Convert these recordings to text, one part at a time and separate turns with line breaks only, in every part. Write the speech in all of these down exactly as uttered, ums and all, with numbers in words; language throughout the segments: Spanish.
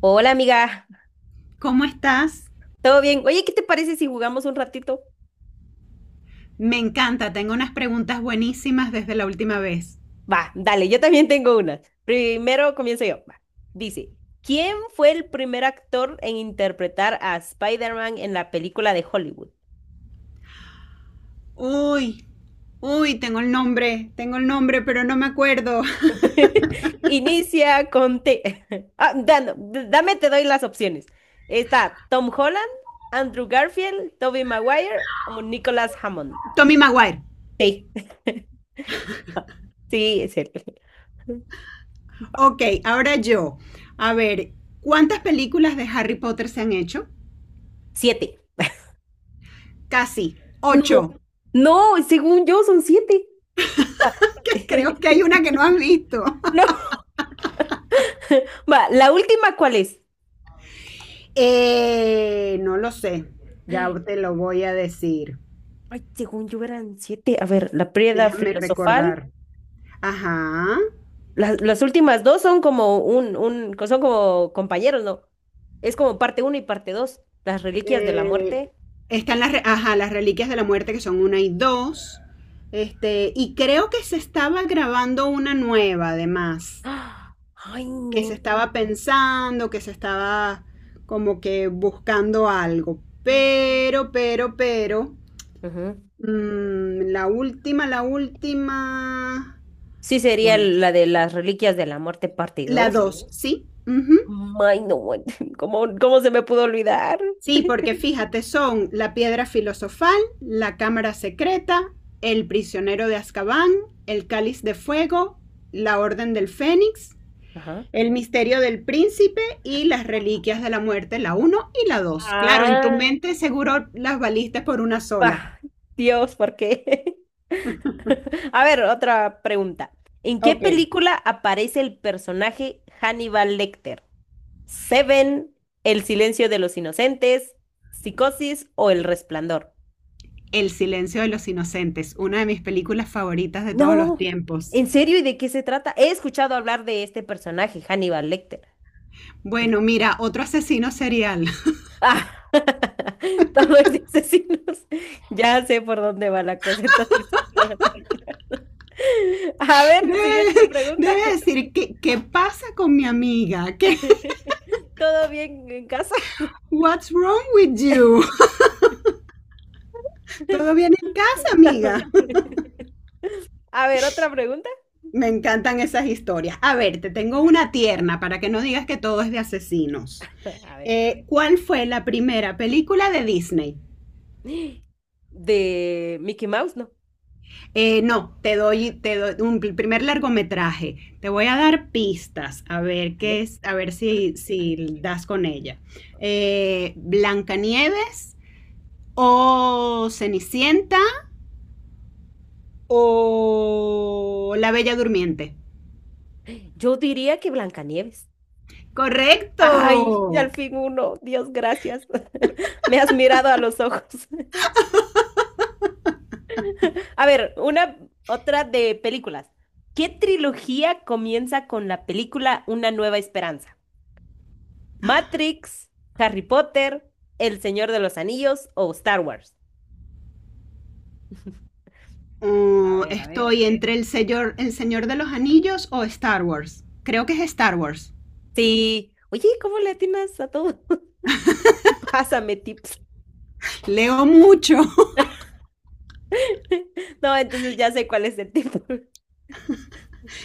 Hola amiga,
¿Cómo estás?
¿todo bien? Oye, ¿qué te parece si jugamos un ratito?
Me encanta, tengo unas preguntas buenísimas desde la última vez.
Va, dale, yo también tengo una. Primero comienzo yo. Va. Dice, ¿quién fue el primer actor en interpretar a Spider-Man en la película de Hollywood?
Uy, uy, tengo el nombre, tengo el nombre, pero no me acuerdo.
Inicia con T. Ah, da- no, d- dame, te doy las opciones. Está Tom Holland, Andrew Garfield, Tobey Maguire o Nicholas Hammond.
Tommy Maguire.
Sí, sí, es él.
Ok, ahora yo. A ver, ¿cuántas películas de Harry Potter se han hecho?
Siete.
Casi,
No,
ocho.
no, según yo son siete. Va.
Creo que hay una que no has visto.
No, va, la última, ¿cuál es?
Eh, no lo sé, ya
Ay,
te lo voy a decir.
ay, según yo eran siete. A ver, la Prieda
Déjame
filosofal.
recordar. Ajá.
Las, las últimas dos son como un, un, son como compañeros, ¿no? Es como parte uno y parte dos. Las reliquias de la
Eh,
muerte.
Están las, re- ajá, las reliquias de la muerte, que son una y dos. Este, y creo que se estaba grabando una nueva, además,
¡Ah! Ay,
que
no.
se estaba pensando, que se estaba como que buscando algo. Pero, pero, pero,
Ujú.
mm, la última, la última,
Sí, sería
pues,
la de las reliquias de la muerte, parte
la
dos.
dos, ¿sí? Ujú.
Ay, no, bueno. ¿Cómo, cómo se me pudo olvidar?
Sí, porque fíjate, son la piedra filosofal, la cámara secreta, el prisionero de Azkaban, el cáliz de fuego, la orden del fénix,
Ajá.
el misterio del príncipe y las reliquias de la muerte, la uno y la dos. Claro, en tu
Ah,
mente seguro las valiste por una sola.
bah, Dios, ¿por qué? A ver, otra pregunta. ¿En qué
Ok.
película aparece el personaje Hannibal Lecter? ¿Seven, El silencio de los inocentes, Psicosis o El resplandor?
El silencio de los inocentes, una de mis películas favoritas de todos los
No,
tiempos.
¿en serio? ¿Y de qué se trata? He escuchado hablar de este personaje, Hannibal Lecter.
Bueno, mira, otro asesino serial.
Ah, todos los asesinos. Ya sé por dónde va la cosa, entonces. La película. A ver, siguiente
Debe,
pregunta.
debe decir, ¿qué, ¿qué pasa con mi amiga? ¿Qué,
¿Todo bien en casa?
What's wrong with you? Todo bien en casa, amiga.
A ver, otra pregunta.
Me encantan esas historias. A ver, te tengo una tierna para que no digas que todo es de asesinos.
A ver.
Eh, ¿cuál fue la primera película de Disney?
De Mickey Mouse, no.
Eh, no, te doy, te doy un pl- primer largometraje. Te voy a dar pistas a ver qué
Vale.
es, a ver si, si das con ella. Eh, Blancanieves o Cenicienta o La Bella Durmiente.
Yo diría que Blancanieves. Ay, y al
Correcto.
fin uno. Dios, gracias. Me has mirado a los ojos. A ver, una otra de películas. ¿Qué trilogía comienza con la película Una Nueva Esperanza? ¿Matrix, Harry Potter, El Señor de los Anillos o Star Wars? A
Uh,
ver, a ver.
estoy entre el señor, el señor de los Anillos o Star Wars. Creo que es Star Wars.
Sí. Oye, ¿cómo le atinas a todo? Pásame tips.
Leo mucho.
No, entonces ya sé cuál es el tip.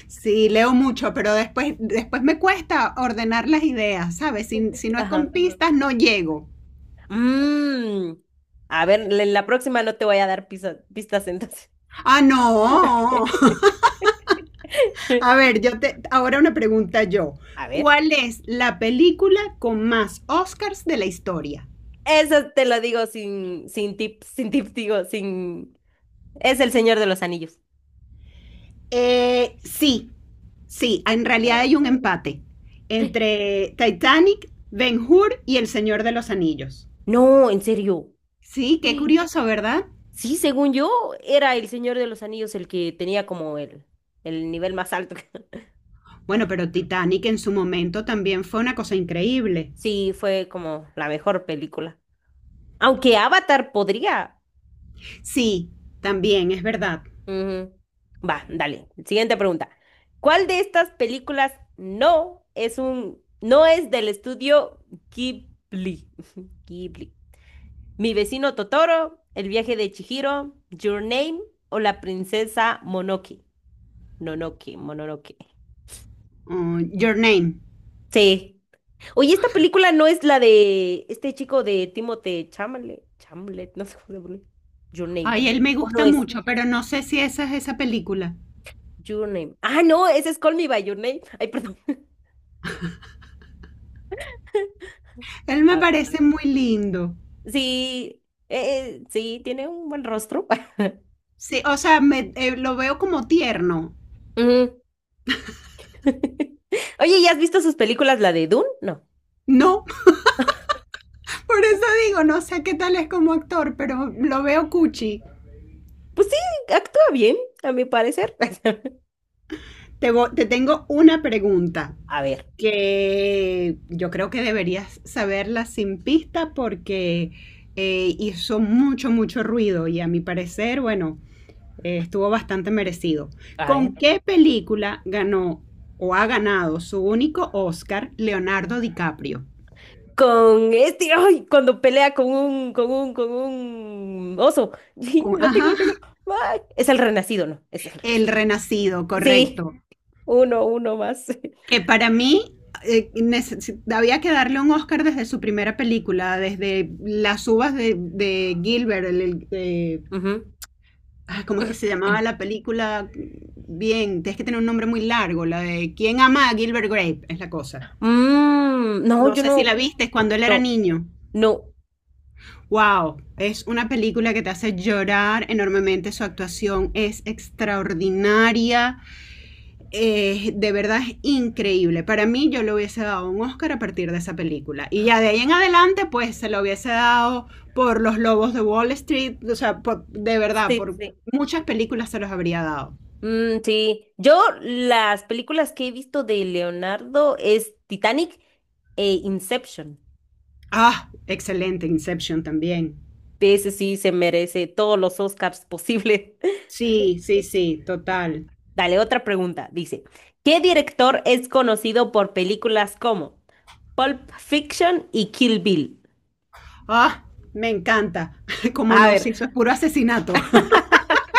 Sí, leo mucho, pero después, después me cuesta ordenar las ideas, ¿sabes? Si, si no es
Ajá.
con pistas, no llego.
Mm. A ver, en la próxima no te voy a dar pisa- pistas entonces.
Ah, no. A ver, yo te, ahora una pregunta yo.
A ver.
¿Cuál es la película con más Oscars de la historia?
Eso te lo digo sin, sin tips, sin tips, digo, sin... Es el Señor de los Anillos.
Eh, sí, sí, en realidad
Bravo.
hay un empate entre Titanic, Ben Hur y El Señor de los Anillos.
No, en serio.
Sí, qué curioso, ¿verdad?
Sí, según yo, era el Señor de los Anillos el que tenía como el, el nivel más alto.
Bueno, pero Titanic en su momento también fue una cosa increíble.
Sí, fue como la mejor película. Aunque Avatar podría.
Sí, también, es verdad.
Ujú. Va, dale. Siguiente pregunta. ¿Cuál de estas películas no es un, no es del estudio Ghibli? Ghibli. Mi vecino Totoro, El viaje de Chihiro, Your Name o La princesa Monoki. Nonoki, Mononoke.
Oh, Your Name.
Sí. Oye, esta película no es la de este chico de Timothée Chalamet, Chalamet, no sé cómo se pronuncia. Your Name.
Ay, él me
¿O no
gusta
es?
mucho, pero no sé si esa es esa película.
Your Name. Ah, no, ese es Call Me by Your Name. Ay, perdón.
Él me parece muy lindo.
Sí, eh, eh, sí, tiene un buen rostro.
Sí, o sea, me, eh, lo veo como tierno.
Ujú. Oye, ¿ya has visto sus películas, la de Dune? No.
No, Por eso digo, no sé qué tal es como actor, pero lo veo cuchi.
Pues sí, actúa bien, a mi parecer.
Te, vo- te tengo una pregunta
A ver,
que yo creo que deberías saberla sin pista porque eh, hizo mucho, mucho ruido y a mi parecer, bueno, eh, estuvo bastante merecido.
a ver.
¿Con qué película ganó o ha ganado su único Oscar Leonardo DiCaprio?
Con este, ay, cuando pelea con un, con un, con un oso. Sí,
Con-
lo tengo,
Ajá,
lo tengo. Ay, es el renacido, ¿no? Es el...
El Renacido,
Sí,
correcto.
uno, uno más.
Que para mí eh, neces- había que darle un Oscar desde su primera película, desde Las uvas de, de Gilbert, el, el- de-
Ujú.
ah, ¿cómo es que se llamaba la película? Bien, tienes que tener un nombre muy largo, la de ¿Quién ama a Gilbert Grape? Es la cosa.
Mm, no,
No
yo
sé si
no,
la viste, es cuando él era
no,
niño.
no.
Wow, es una película que te hace llorar enormemente, su actuación es extraordinaria. Eh, de verdad es increíble. Para mí yo le hubiese dado un Oscar a partir de esa película. Y ya de ahí en adelante, pues se lo hubiese dado por Los Lobos de Wall Street. O sea, por, de verdad,
Sí,
por
sí.
muchas películas se los habría dado.
Mm, sí, yo las películas que he visto de Leonardo es Titanic e Inception.
Ah, excelente, Inception también.
Ese sí se merece todos los Oscars posibles.
Sí, sí, sí,
Va,
total.
dale, otra pregunta. Dice, ¿qué director es conocido por películas como Pulp Fiction y Kill Bill?
Ah, me encanta. Como
A
no,
ver,
si eso es puro asesinato.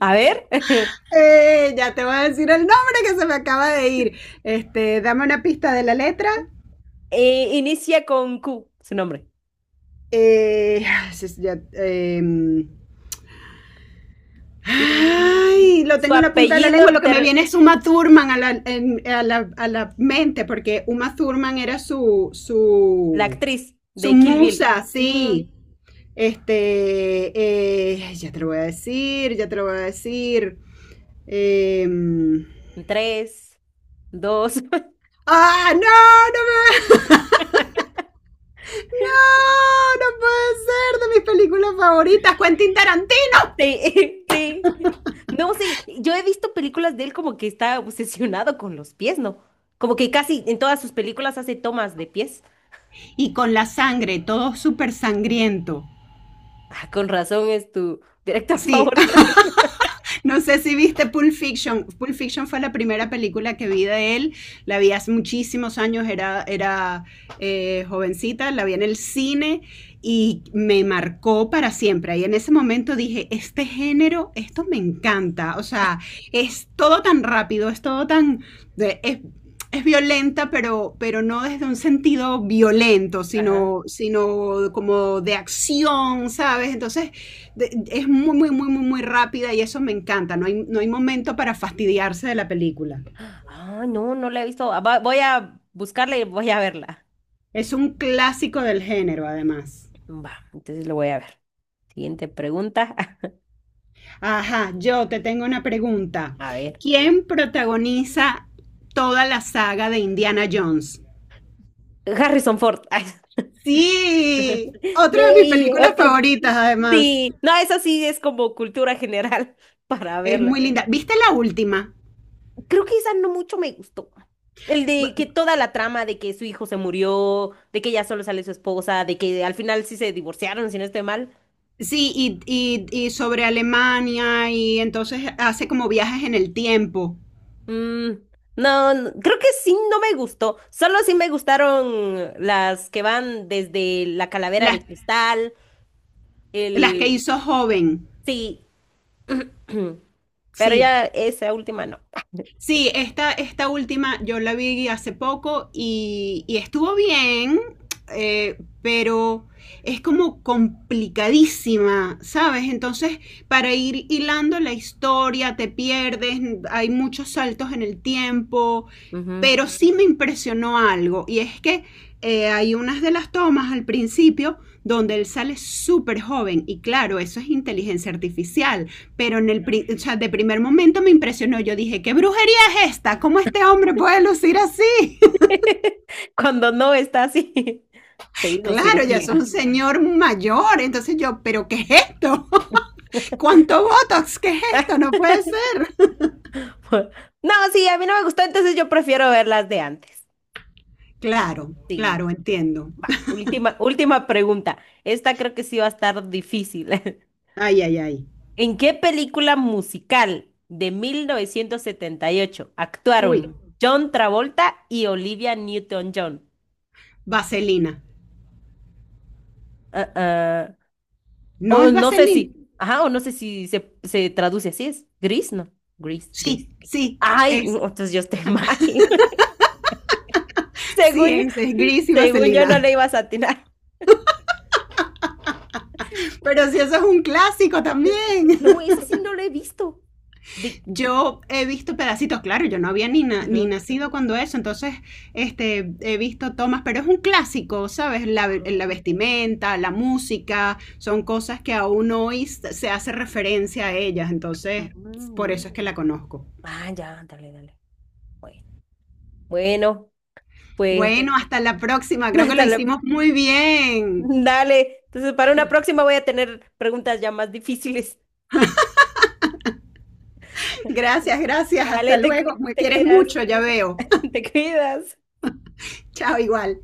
a ver.
Eh, ya te voy a decir el nombre que se me acaba de ir. Este, dame una pista de la letra.
Eh, inicia con Q, su nombre.
Eh, ya, eh,
Y
ay, lo
su
tengo en la punta de la
apellido,
lengua. Lo que me
ter-
viene es Uma Thurman a la, en- a la, a la mente, porque Uma Thurman era su,
la
su,
actriz
su
de Kill Bill.
musa,
Mm,
sí. Este, eh, ya te lo voy a decir, ya te lo voy a decir. Em,
tres, dos.
¡Ah, no! ¡No, me no, no puede ser! De mis películas favoritas, Quentin Tarantino.
Sí, sí. No, sí, yo he visto películas de él como que está obsesionado con los pies, ¿no? Como que casi en todas sus películas hace tomas de pies.
y con la sangre, todo súper sangriento.
Ah, con razón es tu director
Sí,
favorito.
No sé si viste Pulp Fiction. Pulp Fiction fue la primera película que vi de él. La vi hace muchísimos años, era, era eh, jovencita, la vi en el cine y me marcó para siempre. Y en ese momento dije, este género, esto me encanta. O sea, es todo tan rápido, es todo tan... de- Es, es violenta, pero, pero no desde un sentido violento,
Ajá.
sino, sino como de acción, ¿sabes? Entonces, de- es muy, muy, muy, muy, muy rápida y eso me encanta. No hay, no hay momento para fastidiarse de la película.
Ah, no, no la he visto. Ah, va- Voy a buscarla y voy a verla.
Es un clásico del género, además.
Va, entonces lo voy a ver. Siguiente pregunta.
Ajá, yo te tengo una pregunta.
A ver.
¿Quién protagoniza toda la saga de Indiana Jones?
Harrison Ford. Ay,
Sí, otra de mis
yay,
películas
otro.
favoritas, además.
Sí, no, eso sí es como cultura general para
Es
verla.
muy linda. ¿Viste la última?
Creo que esa no mucho me gustó. El de que
Bu-
toda la trama de que su hijo se murió, de que ya solo sale su esposa, de que al final sí se divorciaron, si no estoy mal.
Sí, y, y- y sobre Alemania, y entonces hace como viajes en el tiempo.
Mm, no, no, creo que sí no me gustó. Solo sí me gustaron las que van desde la calavera de
Las,
cristal,
las que
el...
hizo joven.
Sí, pero
Sí,
ya esa última no.
sí, esta, esta última yo la vi hace poco y, y estuvo bien, eh, pero es como complicadísima, ¿sabes? Entonces, para ir hilando la historia, te pierdes, hay muchos saltos en el tiempo,
Ujú.
pero sí me impresionó algo y es que eh, hay unas de las tomas al principio donde él sale súper joven y claro, eso es inteligencia artificial, pero en el pri- o sea, de primer momento me impresionó, yo dije, ¿qué brujería es esta? ¿Cómo este hombre puede lucir así?
Cuando no está así, se hizo
claro, ya es un
cirugía.
señor mayor, entonces yo, ¿pero qué es esto? ¿Cuánto Botox? ¿Qué es esto? No puede ser.
No, sí, a mí no me gustó, entonces yo prefiero ver las de antes.
claro,
Sí,
claro, entiendo.
va, última, última pregunta. Esta creo que sí va a estar difícil.
Ay, ay, ay.
¿En qué película musical de mil novecientos setenta y ocho
Uy,
actuaron John Travolta y Olivia Newton-John?
vaselina.
Ah, ah,
¿No
o
es
no sé
vaselina?
si, ajá, o no sé si se, se traduce así, ¿es gris? No, gris, gris.
Sí, sí,
Ay, no,
es
entonces yo estoy mal.
sí,
Según yo,
ese es gris y
según yo
vaselina.
no le ibas a atinar.
Pero si eso es un clásico también.
No, esa sí no la he visto. Di-
Yo he visto pedacitos, claro, yo no había ni, na- ni
Ujú.
nacido cuando eso, entonces este, he visto tomas, pero es un clásico, ¿sabes? La,
Ah,
ve- la vestimenta, la música, son cosas que aún hoy s- se hace referencia a ellas, entonces por
ah.
eso es que la conozco.
Ah, ya, dale, dale. Bueno, bueno, pues,
Bueno, hasta la próxima, creo que lo
dale,
hicimos muy bien.
dale. Entonces, para una próxima voy a tener preguntas ya más difíciles.
Gracias, gracias, hasta
Dale, te,
luego.
cu-
Me
te
quieres
cuidas,
mucho, ya veo.
te cuidas.
Chao, igual.